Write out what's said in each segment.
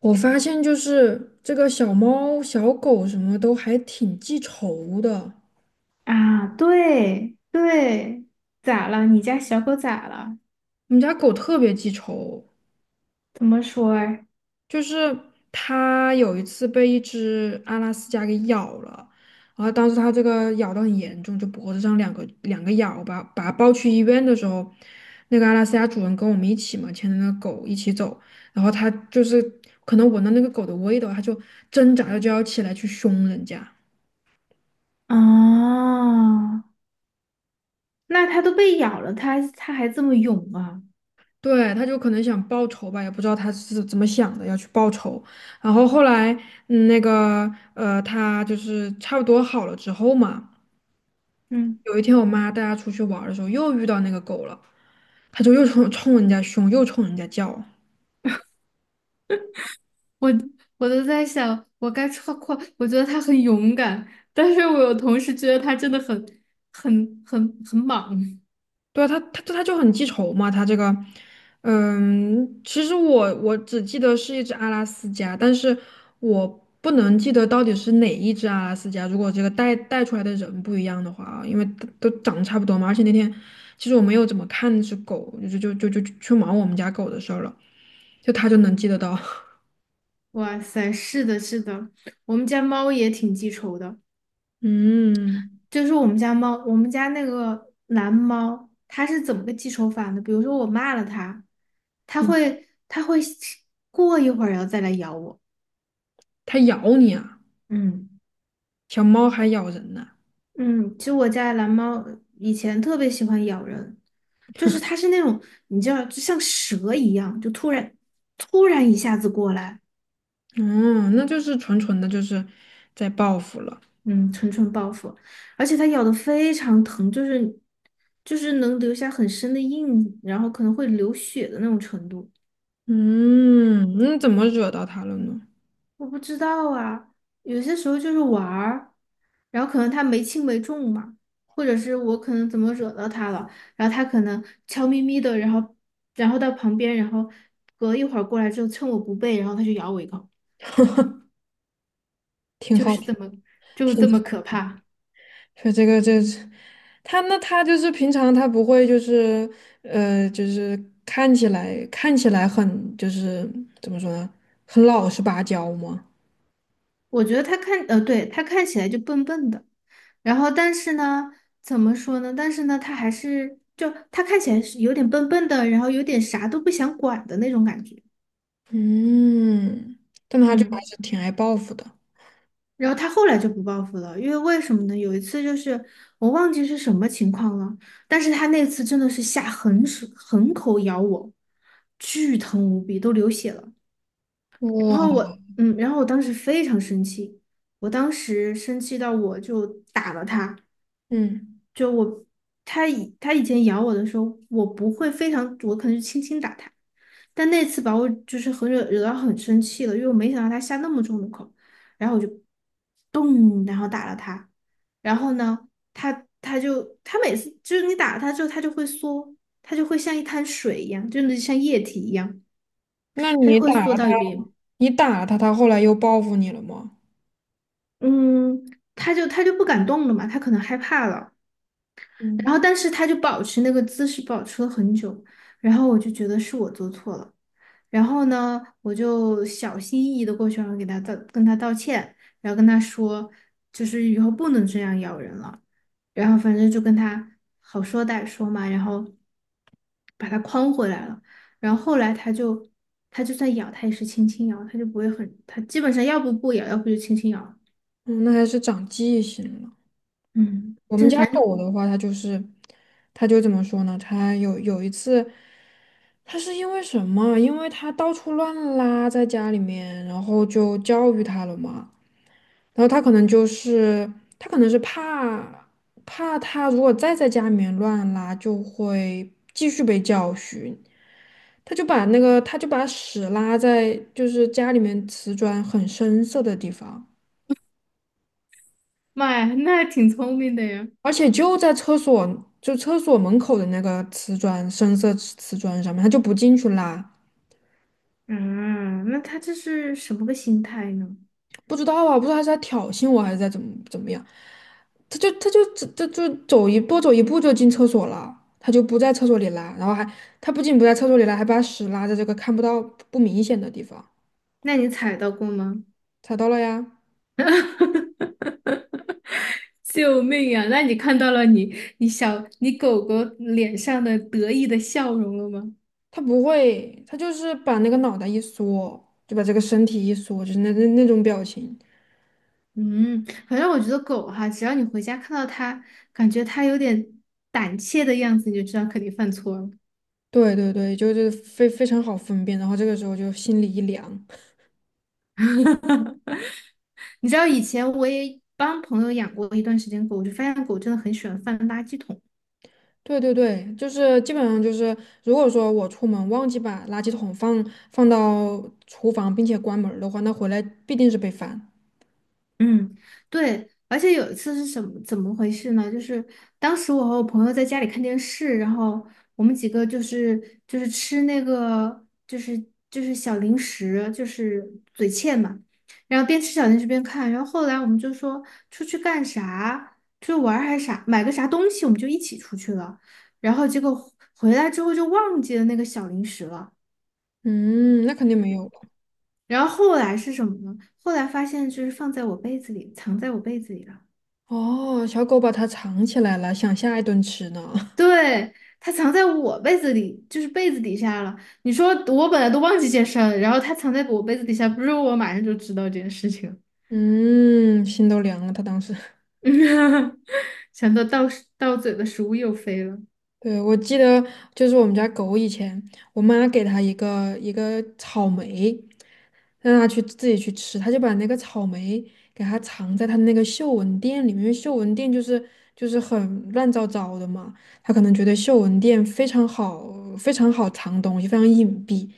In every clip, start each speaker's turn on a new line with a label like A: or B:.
A: 我发现就是这个小猫、小狗什么都还挺记仇的。
B: 啊，对对，咋了？你家小狗咋了？
A: 我们家狗特别记仇，
B: 怎么说儿？
A: 就是它有一次被一只阿拉斯加给咬了，然后当时它这个咬得很严重，就脖子上两个咬吧，把它抱去医院的时候，那个阿拉斯加主人跟我们一起嘛，牵着那个狗一起走，然后它就是可能闻到那个狗的味道，它就挣扎着就要起来去凶人家。
B: 啊，那它都被咬了，它还这么勇啊？
A: 对，他就可能想报仇吧，也不知道他是怎么想的，要去报仇。然后后来，嗯那个，他就是差不多好了之后嘛，
B: 嗯，
A: 有一天我妈带他出去玩儿的时候，又遇到那个狗了，他就又冲人家凶，又冲人家叫。
B: 我我都在想，我该夸夸，我觉得它很勇敢，但是我有同时觉得它真的很很莽。
A: 对啊，他就很记仇嘛，他这个，嗯，其实我只记得是一只阿拉斯加，但是我不能记得到底是哪一只阿拉斯加。如果这个带出来的人不一样的话啊，因为都长得差不多嘛，而且那天其实我没有怎么看那只狗，就去忙我们家狗的事儿了，就他就能记得到。
B: 哇塞，是的，是的，我们家猫也挺记仇的。
A: 嗯。
B: 就是我们家猫，我们家那个蓝猫，它是怎么个记仇法呢？比如说我骂了它，它
A: 嗯，
B: 会它会过一会儿然后再来咬我。
A: 它咬你啊，
B: 嗯，
A: 小猫还咬人呢、
B: 嗯，其实我家的蓝猫以前特别喜欢咬人，就是它是那种你知道，就像蛇一样，就突然一下子过来，
A: 哦，那就是纯纯的就是在报复了。
B: 嗯，纯蠢报复，而且它咬的非常疼，就是能留下很深的印，然后可能会流血的那种程度。
A: 嗯，那怎么惹到他了呢？
B: 我不知道啊，有些时候就是玩儿，然后可能他没轻没重嘛，或者是我可能怎么惹到他了，然后他可能悄咪咪的，然后然后到旁边，然后隔一会儿过来之后，趁我不备，然后他就咬我一口，
A: 挺
B: 就
A: 好
B: 是这么 就是
A: 听，
B: 这么
A: 挺
B: 可怕。
A: 说这个这是他那他就是平常他不会就是就是看起来很就是怎么说呢，很老实巴交吗？
B: 我觉得他看对，他看起来就笨笨的，然后但是呢，怎么说呢？但是呢，他还是就他看起来是有点笨笨的，然后有点啥都不想管的那种感觉，
A: 嗯，但他就还
B: 嗯。
A: 是挺爱报复的。
B: 然后他后来就不报复了，因为为什么呢？有一次就是我忘记是什么情况了，但是他那次真的是下狠手狠口咬我，巨疼无比，都流血了。然后
A: 哇，
B: 我，嗯，然后我当时非常生气，我当时生气到我就打了他，
A: 嗯，
B: 就我，他以前咬我的时候，我不会非常，我可能就轻轻打他，但那次把我就是很惹到很生气了，因为我没想到他下那么重的口，然后我就咚，然后打了他，然后呢，他每次就是你打了他之后，他就会缩，他就会像一滩水一样，就是像液体一样，
A: 那
B: 他
A: 你
B: 就会
A: 打
B: 缩
A: 了他，
B: 到一边，
A: 你打了他，他后来又报复你了吗？
B: 嗯，他就不敢动了嘛，他可能害怕了。然后但是他就保持那个姿势保持了很久，然后我就觉得是我做错了，然后呢，我就小心翼翼的过去，然后给他道跟他道歉，然后跟他说，就是以后不能这样咬人了，然后反正就跟他好说歹说嘛，然后把他框回来了，然后后来他就他就算咬，他也是轻轻咬，他就不会很，他基本上要不不咬，要不就轻轻咬，
A: 嗯，嗯那还是长记性了。
B: 嗯，
A: 我们
B: 这
A: 家
B: 反正就
A: 狗的话，它就是，它就怎么说呢？它有一次，它是因为什么？因为它到处乱拉在家里面，然后就教育它了嘛。然后它可能就是，它可能是怕怕它如果再在家里面乱拉，就会继续被教训。它就把那个，它就把屎拉在就是家里面瓷砖很深色的地方。
B: 妈呀，那还挺聪明的呀。
A: 而且就在厕所，就厕所门口的那个瓷砖，深色瓷砖上面，他就不进去拉，
B: 嗯，那他这是什么个心态呢？
A: 不知道啊，不知道他是在挑衅我还是在怎么怎么样，他就走走一步就进厕所了，他就不在厕所里拉，然后还他不仅不在厕所里拉，还把屎拉在这个看不到不明显的地方，
B: 那你踩到过吗？
A: 踩到了呀，
B: 救命呀！那你看到了你狗狗脸上的得意的笑容了吗？
A: 他不会，他就是把那个脑袋一缩，就把这个身体一缩，就是那种表情，
B: 嗯，反正我觉得狗哈，只要你回家看到它，感觉它有点胆怯的样子，你就知道肯定犯错了。
A: 对对对，就是非常好分辨，然后这个时候就心里一凉。
B: 你知道以前我也帮朋友养过一段时间狗，我就发现狗真的很喜欢翻垃圾桶。
A: 对对对，就是基本上就是，如果说我出门忘记把垃圾桶放到厨房，并且关门儿的话，那回来必定是被翻。
B: 嗯，对，而且有一次是什么怎么回事呢？就是当时我和我朋友在家里看电视，然后我们几个就是吃那个就是小零食，就是嘴欠嘛，然后边吃小零食边看，然后后来我们就说出去干啥，出去玩儿还是啥，买个啥东西，我们就一起出去了，然后结果回来之后就忘记了那个小零食了，
A: 嗯，那肯定没有了。
B: 然后后来是什么呢？后来发现就是放在我被子里，藏在我被子里了。
A: 哦，小狗把它藏起来了，想下一顿吃呢。
B: 对，它藏在我被子里，就是被子底下了。你说我本来都忘记健身了，然后它藏在我被子底下，不是我马上就知道这件事情。
A: 嗯，心都凉了。它当时，
B: 想到到嘴的食物又飞了，
A: 对，我记得就是我们家狗以前，我妈给它一个草莓，让他去自己去吃，他就把那个草莓给它藏在他那个嗅闻垫里面，因为嗅闻垫就是很乱糟糟的嘛，他可能觉得嗅闻垫非常好，非常好藏东西，非常隐蔽，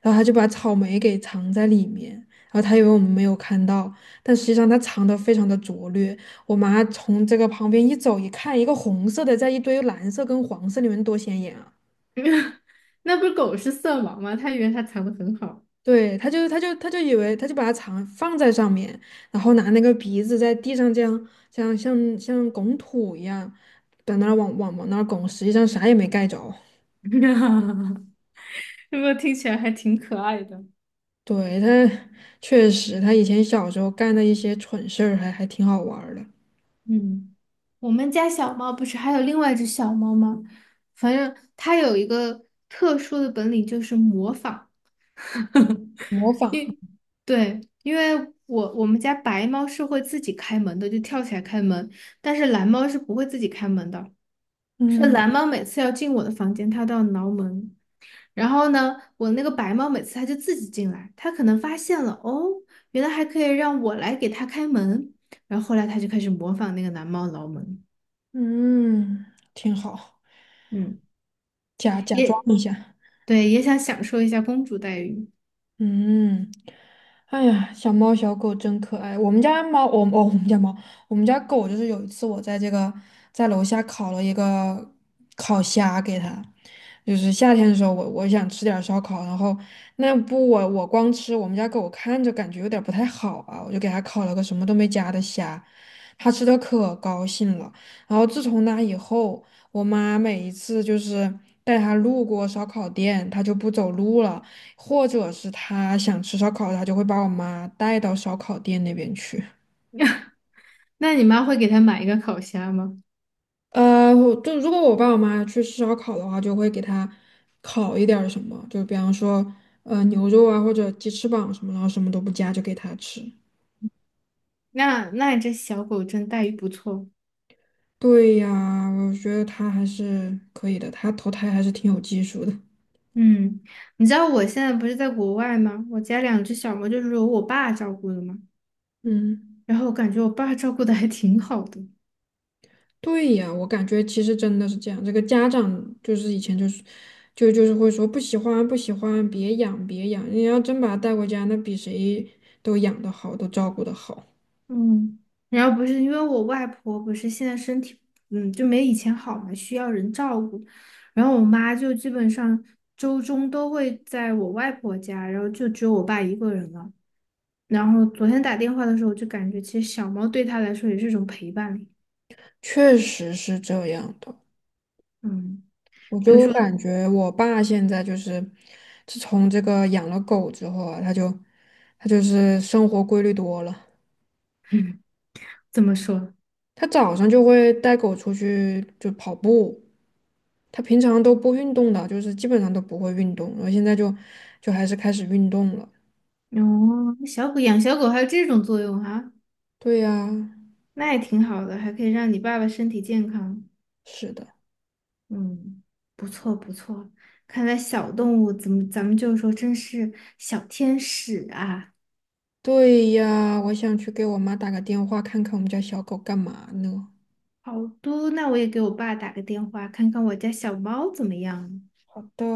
A: 然后他就把草莓给藏在里面，然后他以为我们没有看到，但实际上他藏得非常的拙劣，我妈从这个旁边一走一看，一个红色的在一堆蓝色跟黄色里面多显眼啊！
B: 那不是狗是色盲吗？它以为它藏得很好，
A: 对，他就以为他就把它藏放在上面，然后拿那个鼻子在地上这样像拱土一样，在那儿往那儿拱，实际上啥也没盖着。
B: 是不是听起来还挺可爱的？
A: 对，他确实，他以前小时候干的一些蠢事儿还挺好玩儿的，
B: 嗯，我们家小猫不是还有另外一只小猫吗？反正它有一个特殊的本领，就是模仿。
A: 模仿，
B: 因对，因为我们家白猫是会自己开门的，就跳起来开门，但是蓝猫是不会自己开门的。是
A: 嗯。
B: 蓝猫每次要进我的房间，它都要挠门。然后呢，我那个白猫每次它就自己进来，它可能发现了哦，原来还可以让我来给它开门。然后后来它就开始模仿那个蓝猫挠门，
A: 嗯，挺好，
B: 嗯，
A: 假装
B: 也
A: 一下。
B: 对，也想享受一下公主待遇。
A: 嗯，哎呀，小猫小狗真可爱。我们家猫，我哦，我们家猫，我们家狗就是有一次我在这个在楼下烤了一个烤虾给它，就是夏天的时候我想吃点儿烧烤，然后那不我光吃我们家狗看着感觉有点儿不太好啊，我就给它烤了个什么都没加的虾，它吃的可高兴了。然后自从那以后，我妈每一次就是带它路过烧烤店，它就不走路了。或者是他想吃烧烤，他就会把我妈带到烧烤店那边去。
B: 那你妈会给它买一个烤虾吗？
A: 呃，我就如果我爸我妈去吃烧烤的话，就会给他烤一点儿什么，就比方说牛肉啊或者鸡翅膀什么，然后什么都不加就给他吃。
B: 那你这小狗真待遇不错。
A: 对呀，我觉得他还是可以的，他投胎还是挺有技术的。
B: 嗯，你知道我现在不是在国外吗？我家两只小猫就是由我爸照顾的嘛，
A: 嗯。
B: 然后我感觉我爸照顾的还挺好的。
A: 对呀，我感觉其实真的是这样。这个家长就是以前就是，就是会说不喜欢，别养。你要真把它带回家，那比谁都养得好，都照顾得好。
B: 嗯，然后不是因为我外婆不是现在身体，嗯，就没以前好嘛，需要人照顾。然后我妈就基本上周中都会在我外婆家，然后就只有我爸一个人了。然后昨天打电话的时候，我就感觉其实小猫对他来说也是一种陪伴力
A: 确实是这样的。
B: 嗯，
A: 我
B: 比如
A: 就
B: 说
A: 感觉我爸现在就是，自从这个养了狗之后啊，他就是生活规律多了。
B: 怎么说？
A: 他早上就会带狗出去就跑步，他平常都不运动的，就是基本上都不会运动，然后现在就就还是开始运动了。
B: 哦，小狗养小狗还有这种作用啊，
A: 对呀，
B: 那也挺好的，还可以让你爸爸身体健康。
A: 是的，
B: 嗯，不错不错，看来小动物怎么咱们就说真是小天使啊。
A: 对呀，我想去给我妈打个电话，看看我们家小狗干嘛呢。
B: 好的，那我也给我爸打个电话，看看我家小猫怎么样。
A: 好的。